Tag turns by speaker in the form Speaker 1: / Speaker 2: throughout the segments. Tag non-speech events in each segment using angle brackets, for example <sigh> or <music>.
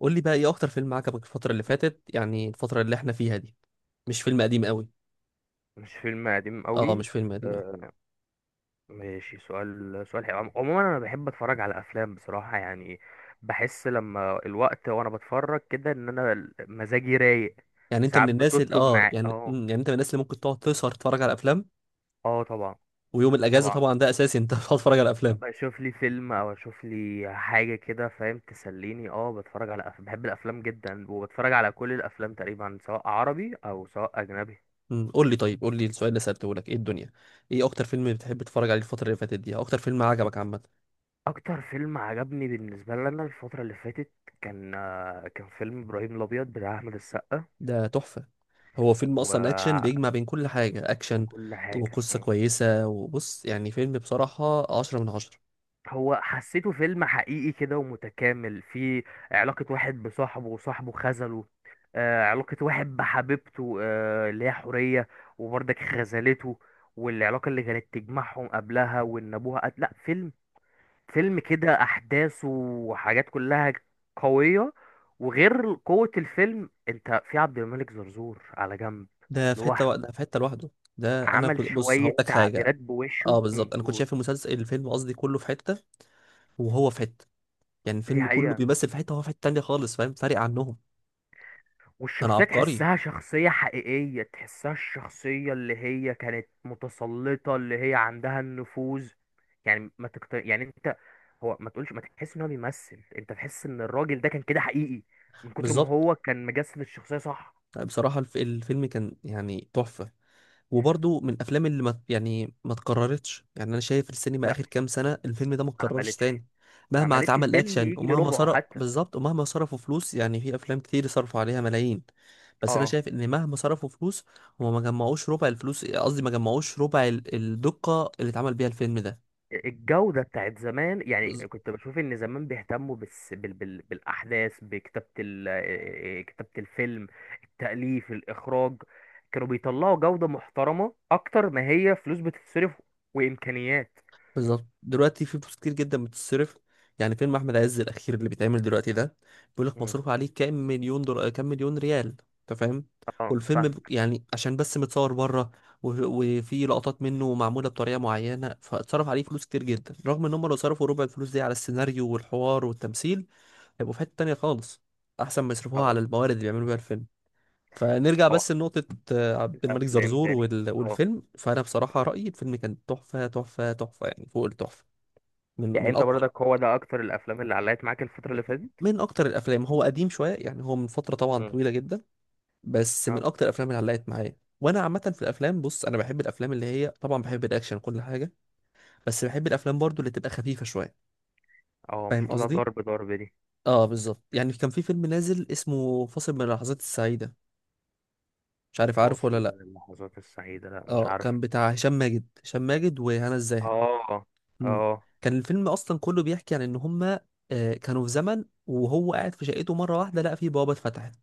Speaker 1: قول لي بقى ايه اكتر فيلم عجبك الفترة اللي فاتت، يعني الفترة اللي احنا فيها دي؟ مش فيلم قديم قوي.
Speaker 2: مش فيلم قديم
Speaker 1: اه،
Speaker 2: قوي.
Speaker 1: مش فيلم قديم قوي.
Speaker 2: آه، ماشي. سؤال سؤال حلو. عموما انا بحب اتفرج على افلام بصراحة يعني بحس لما الوقت وانا بتفرج كده ان انا مزاجي رايق.
Speaker 1: يعني انت من
Speaker 2: ساعات
Speaker 1: الناس اللي
Speaker 2: بتطلب معايا اه.
Speaker 1: يعني انت من الناس اللي ممكن تقعد تسهر تتفرج على افلام؟
Speaker 2: اه طبعا.
Speaker 1: ويوم الاجازة
Speaker 2: طبعا
Speaker 1: طبعا ده اساسي، انت <laughs> بتقعد تتفرج على افلام.
Speaker 2: بشوف لي فيلم او اشوف لي حاجة كده فاهم تسليني. اه بتفرج على بحب الافلام جدا وبتفرج على كل الافلام تقريبا سواء عربي او سواء اجنبي.
Speaker 1: قول لي طيب، قول لي السؤال اللي سألته لك ايه الدنيا. ايه اكتر فيلم بتحب تتفرج عليه الفترة اللي فاتت دي، أو اكتر فيلم عجبك عامة؟
Speaker 2: اكتر فيلم عجبني بالنسبه لي انا الفتره اللي فاتت كان كان فيلم ابراهيم الابيض بتاع احمد السقا.
Speaker 1: ده تحفة. هو فيلم
Speaker 2: وكل
Speaker 1: اصلا اكشن بيجمع بين كل حاجة، اكشن
Speaker 2: حاجه
Speaker 1: وقصة كويسة، وبص يعني فيلم بصراحة عشرة من عشرة.
Speaker 2: هو حسيته فيلم حقيقي كده ومتكامل. فيه علاقه واحد بصاحبه وصاحبه خذله. علاقه واحد بحبيبته، اللي هي حوريه، وبرضك خذلته، والعلاقه اللي كانت تجمعهم قبلها وان ابوها قتل. لا فيلم، فيلم كده احداثه وحاجات كلها قويه. وغير قوه الفيلم، انت في عبد الملك زرزور على جنب لوحده.
Speaker 1: ده في حته لوحده. ده انا
Speaker 2: عمل
Speaker 1: كنت بص
Speaker 2: شويه
Speaker 1: هقول لك حاجه.
Speaker 2: تعبيرات بوشه.
Speaker 1: اه، بالظبط، انا كنت
Speaker 2: قول.
Speaker 1: شايف المسلسل الفيلم قصدي كله في حته وهو في حته. يعني
Speaker 2: دي
Speaker 1: الفيلم كله
Speaker 2: حقيقه.
Speaker 1: بيمثل في حته وهو في حته تانيه خالص، فاهم؟ فارق عنهم. انا
Speaker 2: والشخصيه
Speaker 1: عبقري.
Speaker 2: تحسها شخصيه حقيقيه، تحسها الشخصيه اللي هي كانت متسلطه، اللي هي عندها النفوذ. يعني ما تكت... يعني انت، هو ما تقولش ما تحس ان هو بيمثل، انت تحس ان الراجل ده كان كده حقيقي من كتر ما
Speaker 1: بالظبط.
Speaker 2: هو كان مجسد الشخصيه. صح.
Speaker 1: بصراحه الفيلم كان يعني تحفه. وبرضو من الافلام اللي ما اتكررتش. يعني انا شايف السينما
Speaker 2: لا،
Speaker 1: اخر كام سنه، الفيلم ده ما
Speaker 2: ما
Speaker 1: اتكررش
Speaker 2: عملتش.
Speaker 1: تاني.
Speaker 2: ما
Speaker 1: مهما
Speaker 2: عملتش
Speaker 1: اتعمل
Speaker 2: فيلم
Speaker 1: اكشن،
Speaker 2: يجي
Speaker 1: ومهما
Speaker 2: ربعه
Speaker 1: صرف،
Speaker 2: حتى.
Speaker 1: بالظبط، ومهما صرفوا فلوس. يعني في افلام كتير صرفوا عليها ملايين. بس انا
Speaker 2: اه.
Speaker 1: شايف ان مهما صرفوا فلوس، هما ما جمعوش ربع الفلوس، قصدي ما جمعوش ربع الدقه اللي اتعمل بيها الفيلم
Speaker 2: الجودة بتاعت زمان يعني
Speaker 1: ده.
Speaker 2: كنت بشوف ان زمان بيهتموا بس بالاحداث، بكتابة كتابة الفيلم، التأليف، الاخراج. كانوا بيطلعوا جودة محترمة اكتر ما هي فلوس بتتصرف وامكانيات.
Speaker 1: بالظبط، دلوقتي في فلوس كتير جدا بتتصرف. يعني فيلم احمد عز الاخير اللي بيتعمل دلوقتي ده، بيقول لك
Speaker 2: مم.
Speaker 1: مصروف عليه كام مليون دولار، كام مليون ريال. انت فاهم؟
Speaker 2: اه
Speaker 1: والفيلم
Speaker 2: فاهمك.
Speaker 1: عشان بس متصور بره، وفي لقطات منه معموله بطريقه معينه، فاتصرف عليه فلوس كتير جدا، رغم ان هم لو صرفوا ربع الفلوس دي على السيناريو والحوار والتمثيل، هيبقوا في حته تانيه خالص، احسن ما يصرفوها
Speaker 2: طبعا.
Speaker 1: على الموارد اللي بيعملوا بيها الفيلم. فنرجع بس
Speaker 2: طبعا.
Speaker 1: لنقطة عبد الملك
Speaker 2: افلام
Speaker 1: زرزور
Speaker 2: تاني؟
Speaker 1: وال-
Speaker 2: اه
Speaker 1: والفيلم فأنا بصراحة
Speaker 2: ماشي.
Speaker 1: رأيي الفيلم كان تحفة تحفة تحفة، يعني فوق التحفة. من
Speaker 2: يعني
Speaker 1: من
Speaker 2: انت
Speaker 1: اقوى
Speaker 2: برضك هو ده اكتر الافلام اللي علقت معاك الفترة اللي فاتت؟
Speaker 1: من اكتر الافلام. هو قديم شويه، يعني هو من فتره طبعا
Speaker 2: مم.
Speaker 1: طويله جدا، بس من
Speaker 2: اه.
Speaker 1: اكتر الافلام اللي علقت معايا. وانا عامه في الافلام، بص انا بحب الافلام اللي هي طبعا، بحب الاكشن كل حاجه، بس بحب الافلام برضو اللي تبقى خفيفه شويه،
Speaker 2: اه
Speaker 1: فاهم
Speaker 2: مش كلها
Speaker 1: قصدي؟
Speaker 2: ضرب ضرب دي.
Speaker 1: اه، بالظبط. يعني كان في فيلم نازل اسمه فاصل من اللحظات السعيده، مش عارف عارفه
Speaker 2: فاصل
Speaker 1: ولا لا.
Speaker 2: من اللحظات السعيدة، لا مش
Speaker 1: اه،
Speaker 2: عارفه.
Speaker 1: كان بتاع هشام ماجد، وهنا الزاهد.
Speaker 2: اه.
Speaker 1: مم.
Speaker 2: اه.
Speaker 1: كان الفيلم اصلا كله بيحكي عن ان هما كانوا في زمن، وهو قاعد في شقته مره واحده لقى فيه بوابه اتفتحت،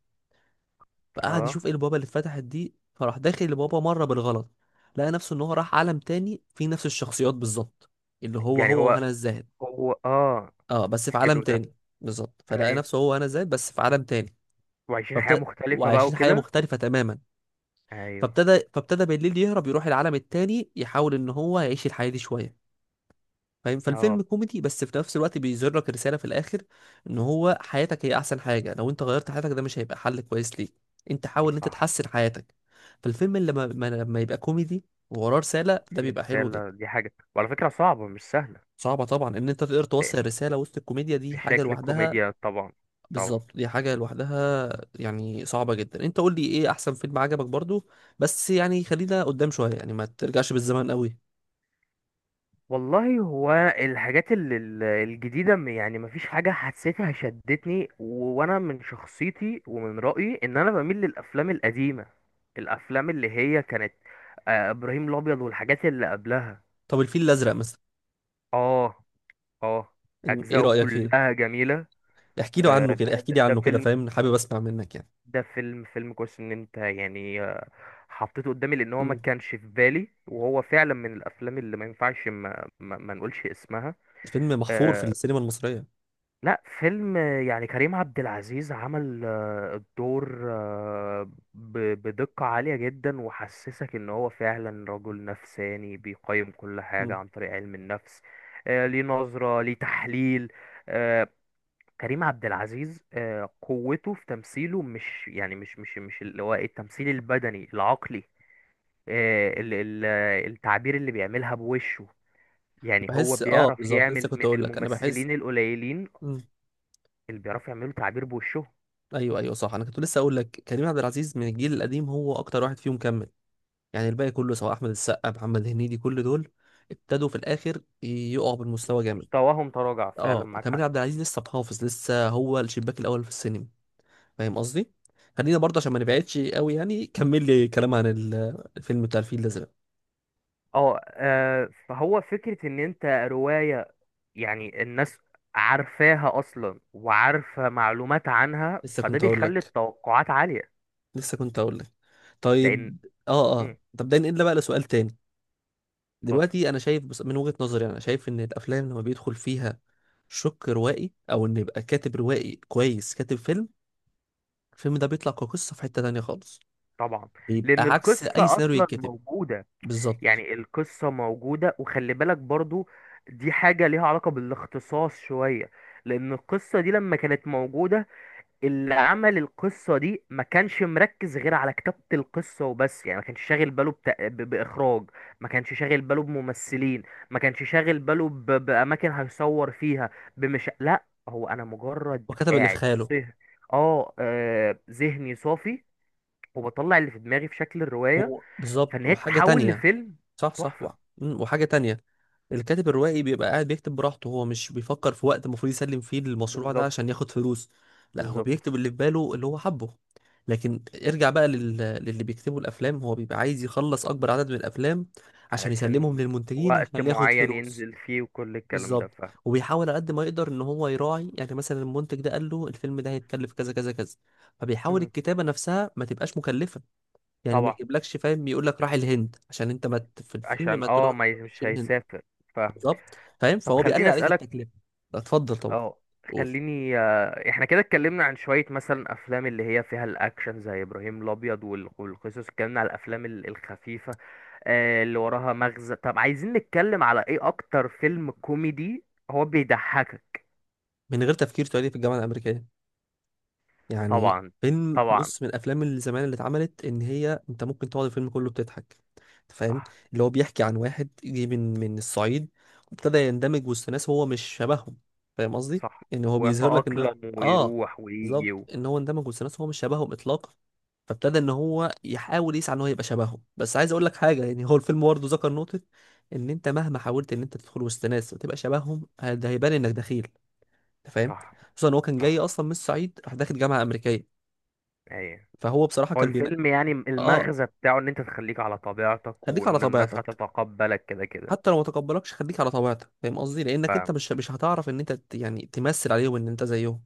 Speaker 1: فقعد
Speaker 2: اه.
Speaker 1: يشوف ايه البوابه اللي اتفتحت دي، فراح داخل البوابه مره بالغلط، لقى نفسه ان هو راح عالم تاني فيه نفس الشخصيات بالظبط، اللي هو
Speaker 2: يعني
Speaker 1: هو
Speaker 2: هو
Speaker 1: وهنا الزاهد.
Speaker 2: هو. اه
Speaker 1: اه، بس في عالم
Speaker 2: حلو ده.
Speaker 1: تاني. بالظبط، فلقى
Speaker 2: ايوه،
Speaker 1: نفسه هو وهنا الزاهد بس في عالم تاني.
Speaker 2: وعايشين حياة
Speaker 1: فابتدى
Speaker 2: مختلفة بقى
Speaker 1: وعايشين حياه
Speaker 2: وكده.
Speaker 1: مختلفه تماما.
Speaker 2: ايوه.
Speaker 1: فابتدى بالليل يهرب يروح العالم التاني، يحاول ان هو يعيش الحياه دي شويه، فاهم؟ فالفيلم
Speaker 2: اه.
Speaker 1: كوميدي، بس في نفس الوقت بيظهر لك رسالة في الآخر، إن هو حياتك هي أحسن حاجة، لو أنت غيرت حياتك ده مش هيبقى حل كويس ليك، أنت حاول إن أنت
Speaker 2: صح.
Speaker 1: تحسن حياتك. فالفيلم اللي لما ما- لما يبقى كوميدي ووراه رسالة، ده
Speaker 2: دي
Speaker 1: بيبقى حلو
Speaker 2: رسالة،
Speaker 1: جدا.
Speaker 2: دي حاجة وعلى فكرة صعبة، مش سهلة.
Speaker 1: صعبة طبعا إن أنت تقدر توصل
Speaker 2: لأن
Speaker 1: الرسالة وسط الكوميديا، دي
Speaker 2: في
Speaker 1: حاجة
Speaker 2: شكل
Speaker 1: لوحدها.
Speaker 2: الكوميديا طبعا. طبعا.
Speaker 1: بالظبط، دي حاجة لوحدها. يعني صعبة جدا. أنت قول لي إيه أحسن فيلم عجبك برضو، بس يعني خلينا قدام شوية، يعني ما ترجعش بالزمن قوي.
Speaker 2: والله هو الحاجات الجديدة، يعني مفيش حاجة حسيتها شدتني وأنا من شخصيتي ومن رأيي إن أنا بميل للأفلام القديمة، الأفلام اللي هي كانت إبراهيم الأبيض والحاجات اللي قبلها.
Speaker 1: طب الفيل الأزرق مثلا؟
Speaker 2: آه. آه.
Speaker 1: إيه
Speaker 2: أجزاؤه
Speaker 1: رأيك فيه؟
Speaker 2: كلها جميلة.
Speaker 1: احكي له عنه كده،
Speaker 2: ده
Speaker 1: احكي
Speaker 2: ده
Speaker 1: لي
Speaker 2: ده
Speaker 1: عنه كده،
Speaker 2: فيلم،
Speaker 1: فاهم؟ حابب اسمع منك يعني.
Speaker 2: ده فيلم كويس. إن أنت يعني حطيته قدامي لأن هو ما
Speaker 1: مم.
Speaker 2: كانش في بالي، وهو فعلا من الأفلام اللي ما ينفعش ما نقولش اسمها.
Speaker 1: الفيلم محفور في
Speaker 2: آه،
Speaker 1: السينما المصرية.
Speaker 2: لا فيلم، يعني كريم عبد العزيز عمل الدور بدقة عالية جدا، وحسسك ان هو فعلا رجل نفساني بيقيم كل حاجة
Speaker 1: مم.
Speaker 2: عن طريق علم النفس. ليه نظرة، ليه تحليل. آه، كريم عبد العزيز قوته في تمثيله، مش يعني مش اللي هو التمثيل البدني، العقلي، آه، ال- ال- التعبير اللي بيعملها بوشه. يعني هو
Speaker 1: بحس اه
Speaker 2: بيعرف
Speaker 1: بالظبط، لسه
Speaker 2: يعمل،
Speaker 1: كنت
Speaker 2: من
Speaker 1: اقول لك انا بحس.
Speaker 2: الممثلين القليلين
Speaker 1: مم.
Speaker 2: اللي بيعرفوا يعملوا تعبير بوشهم.
Speaker 1: ايوه، ايوه، صح، انا كنت لسه اقول لك كريم عبد العزيز من الجيل القديم هو اكتر واحد فيهم كمل. يعني الباقي كله، سواء احمد السقا، محمد هنيدي، كل دول ابتدوا في الاخر يقعوا بالمستوى
Speaker 2: بص،
Speaker 1: جامد.
Speaker 2: مستواهم تراجع فعلا،
Speaker 1: اه،
Speaker 2: معاك
Speaker 1: كريم
Speaker 2: حق.
Speaker 1: عبد العزيز لسه محافظ، لسه هو الشباك الاول في السينما، فاهم قصدي؟ خلينا برضه عشان ما نبعدش قوي، يعني كمل لي كلام عن الفيلم بتاع الفيل الازرق.
Speaker 2: اه. فهو فكرة ان انت رواية، يعني الناس عارفاها اصلا وعارفة معلومات عنها،
Speaker 1: لسه
Speaker 2: فده
Speaker 1: كنت اقول
Speaker 2: بيخلي
Speaker 1: لك
Speaker 2: التوقعات عالية.
Speaker 1: لسه كنت اقول لك
Speaker 2: لان،
Speaker 1: طيب. اه،
Speaker 2: مم،
Speaker 1: اه، طب ده ننقل بقى لسؤال تاني.
Speaker 2: اتفضل.
Speaker 1: دلوقتي انا شايف، بس من وجهة نظري، انا شايف ان الافلام لما بيدخل فيها شق روائي، او ان يبقى كاتب روائي كويس كاتب فيلم، الفيلم ده بيطلع كقصة في حتة تانية خالص،
Speaker 2: طبعا.
Speaker 1: بيبقى
Speaker 2: لان
Speaker 1: عكس اي
Speaker 2: القصة
Speaker 1: سيناريو
Speaker 2: اصلا
Speaker 1: يتكتب.
Speaker 2: موجودة.
Speaker 1: بالظبط،
Speaker 2: يعني القصة موجودة، وخلي بالك برضو دي حاجة ليها علاقة بالاختصاص شوية. لان القصة دي لما كانت موجودة، اللي عمل القصة دي ما كانش مركز غير على كتابة القصة وبس. يعني ما كانش شاغل باله بإخراج، ما كانش شاغل باله بممثلين، ما كانش شاغل باله بأماكن هيصور فيها. بمش، لا هو أنا مجرد
Speaker 1: وكتب اللي في
Speaker 2: قاعد.
Speaker 1: خياله.
Speaker 2: صه. اه، ذهني صافي وبطلع اللي في دماغي في شكل الرواية،
Speaker 1: هو
Speaker 2: فإن
Speaker 1: بالظبط،
Speaker 2: هي
Speaker 1: وحاجة
Speaker 2: تتحول
Speaker 1: تانية.
Speaker 2: لفيلم
Speaker 1: صح، صح،
Speaker 2: تحفة.
Speaker 1: وحاجة تانية. الكاتب الروائي بيبقى قاعد بيكتب براحته، هو مش بيفكر في وقت المفروض يسلم فيه المشروع ده
Speaker 2: بالظبط.
Speaker 1: عشان ياخد فلوس، لا هو
Speaker 2: بالظبط.
Speaker 1: بيكتب اللي في باله اللي هو حبه. لكن ارجع بقى للي بيكتبوا الافلام، هو بيبقى عايز يخلص اكبر عدد من الافلام عشان
Speaker 2: علشان
Speaker 1: يسلمهم للمنتجين
Speaker 2: وقت
Speaker 1: عشان ياخد
Speaker 2: معين
Speaker 1: فلوس.
Speaker 2: ينزل فيه وكل الكلام ده،
Speaker 1: بالظبط.
Speaker 2: فاهم.
Speaker 1: وبيحاول على قد ما يقدر ان هو يراعي، يعني مثلا المنتج ده قال له الفيلم ده هيتكلف كذا كذا كذا، فبيحاول
Speaker 2: مم.
Speaker 1: الكتابة نفسها ما تبقاش مكلفة. يعني ما
Speaker 2: طبعا.
Speaker 1: يجيبلكش، فاهم، يقول لك راح الهند، عشان انت ما ت- في الفيلم
Speaker 2: عشان اه
Speaker 1: ما
Speaker 2: ما ي-
Speaker 1: تروحش
Speaker 2: مش
Speaker 1: الهند.
Speaker 2: هيسافر. فاهمك.
Speaker 1: بالظبط، فاهم؟
Speaker 2: طب
Speaker 1: فهو بيقلل
Speaker 2: خليني
Speaker 1: عليك
Speaker 2: اسالك.
Speaker 1: التكلفه. اتفضل طبعا.
Speaker 2: اه.
Speaker 1: قول.
Speaker 2: خليني احنا كده اتكلمنا عن شويه مثلا افلام اللي هي فيها الاكشن زي ابراهيم الابيض والقصص، اتكلمنا على الافلام الخفيفه اللي وراها مغزى. طب عايزين نتكلم على ايه اكتر فيلم كوميدي، هو بيضحكك.
Speaker 1: من غير تفكير، تعالي في الجامعه الامريكيه. يعني
Speaker 2: طبعا.
Speaker 1: فيلم،
Speaker 2: طبعا.
Speaker 1: بص من الافلام اللي زمان اللي اتعملت، ان هي انت ممكن تقعد الفيلم كله بتضحك، انت فاهم؟
Speaker 2: صح.
Speaker 1: اللي هو بيحكي عن واحد جه من الصعيد، وابتدى يندمج وسط ناس هو مش شبههم، فاهم قصدي؟
Speaker 2: صح.
Speaker 1: ان هو بيظهر لك ان،
Speaker 2: ويتأقلم
Speaker 1: اه
Speaker 2: ويروح ويجي
Speaker 1: بالظبط،
Speaker 2: و...
Speaker 1: ان هو اندمج وسط ناس هو مش شبههم اطلاقا. فابتدى ان هو يحاول يسعى ان هو يبقى شبههم. بس عايز اقول لك حاجه، يعني هو الفيلم برضه ذكر نقطه، ان انت مهما حاولت ان انت تدخل وسط ناس وتبقى شبههم، ده هيبان انك دخيل، انت فاهم؟
Speaker 2: صح.
Speaker 1: خصوصا ان هو كان جاي
Speaker 2: صح.
Speaker 1: اصلا من الصعيد راح داخل جامعه امريكيه.
Speaker 2: ايوه.
Speaker 1: فهو بصراحه
Speaker 2: هو
Speaker 1: كان بين
Speaker 2: الفيلم يعني
Speaker 1: اه
Speaker 2: المغزى بتاعه ان انت تخليك على طبيعتك،
Speaker 1: خليك على
Speaker 2: وان الناس
Speaker 1: طبيعتك،
Speaker 2: هتتقبلك كده كده.
Speaker 1: حتى لو ما تقبلكش خليك على طبيعتك، فاهم قصدي؟ لانك انت
Speaker 2: ف-
Speaker 1: مش هتعرف ان انت يعني تمثل عليهم ان انت زيهم،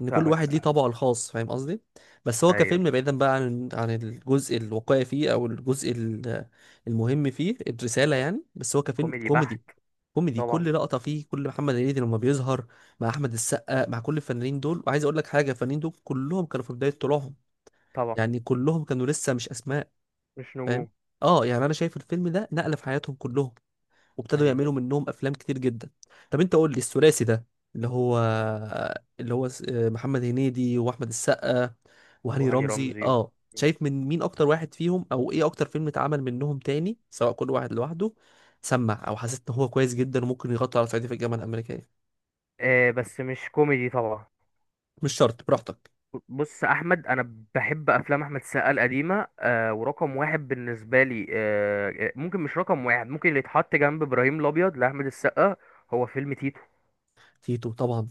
Speaker 1: ان كل واحد ليه
Speaker 2: فاهمك.
Speaker 1: طبعه الخاص، فاهم قصدي؟ بس هو
Speaker 2: ايوه.
Speaker 1: كفيلم، بعيدا بقى عن الجزء الواقعي فيه، او المهم فيه الرساله يعني. بس هو كفيلم
Speaker 2: كوميدي بحت.
Speaker 1: كوميدي، كوميدي
Speaker 2: طبعا.
Speaker 1: كل لقطه فيه، كل محمد هنيدي لما بيظهر مع احمد السقا، مع كل الفنانين دول. وعايز اقول لك حاجه، الفنانين دول كلهم كانوا في بدايه طلوعهم،
Speaker 2: طبعا.
Speaker 1: يعني كلهم كانوا لسه مش اسماء،
Speaker 2: مش
Speaker 1: فاهم؟
Speaker 2: نجوم.
Speaker 1: اه، يعني انا شايف الفيلم ده نقله في حياتهم كلهم، وابتدوا
Speaker 2: ايوه.
Speaker 1: يعملوا منهم افلام كتير جدا. طب انت قول لي الثلاثي ده، اللي هو اللي هو محمد هنيدي واحمد السقا وهاني
Speaker 2: وهاني
Speaker 1: رمزي،
Speaker 2: رمزي.
Speaker 1: اه شايف من مين اكتر واحد فيهم، او ايه اكتر فيلم اتعمل منهم تاني، سواء كل واحد لوحده سمع، او حسيت ان هو كويس جدا وممكن يغطي على صعيدي في الجامعه الامريكيه؟
Speaker 2: آه بس مش كوميدي طبعا.
Speaker 1: مش شرط، براحتك.
Speaker 2: بص احمد، انا بحب افلام احمد السقا القديمه. آه، ورقم واحد بالنسبه لي، آه ممكن مش رقم واحد، ممكن اللي يتحط جنب ابراهيم الابيض لاحمد السقا هو فيلم تيتو.
Speaker 1: تيتو طبعا.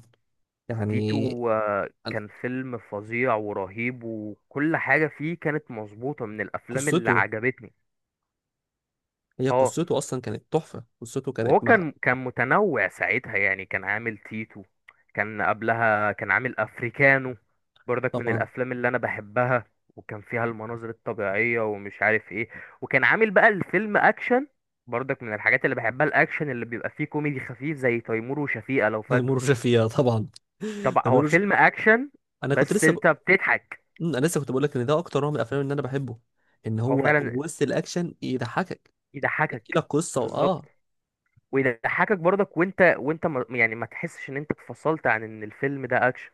Speaker 1: يعني
Speaker 2: تيتو
Speaker 1: أنا-
Speaker 2: كان فيلم فظيع ورهيب، وكل حاجة فيه كانت مظبوطة، من الأفلام اللي
Speaker 1: قصته.
Speaker 2: عجبتني.
Speaker 1: هي
Speaker 2: اه.
Speaker 1: قصته اصلا كانت تحفه. قصته
Speaker 2: وهو
Speaker 1: كانت مع،
Speaker 2: كان كان متنوع ساعتها. يعني كان عامل تيتو، كان قبلها كان عامل أفريكانو، برضك من
Speaker 1: طبعا.
Speaker 2: الأفلام اللي أنا بحبها. وكان فيها المناظر الطبيعية ومش عارف ايه، وكان عامل بقى الفيلم أكشن، برضك من الحاجات اللي بحبها الأكشن اللي بيبقى فيه كوميدي خفيف، زي تيمور وشفيقة لو
Speaker 1: تيمور
Speaker 2: فاكره.
Speaker 1: وشفيقة طبعا.
Speaker 2: طبعا هو
Speaker 1: تاميروج.
Speaker 2: فيلم أكشن
Speaker 1: انا كنت
Speaker 2: بس
Speaker 1: لسه ب...
Speaker 2: انت بتضحك.
Speaker 1: مم، انا لسه كنت بقول لك ان ده اكتر نوع من الافلام اللي انا بحبه، ان
Speaker 2: هو
Speaker 1: هو
Speaker 2: فعلا
Speaker 1: وسط الاكشن يضحكك، يحكي لك
Speaker 2: يضحكك.
Speaker 1: قصه
Speaker 2: بالظبط.
Speaker 1: واه
Speaker 2: ويضحكك برضك، وانت وانت ما يعني ما تحسش ان انت اتفصلت عن ان الفيلم ده اكشن.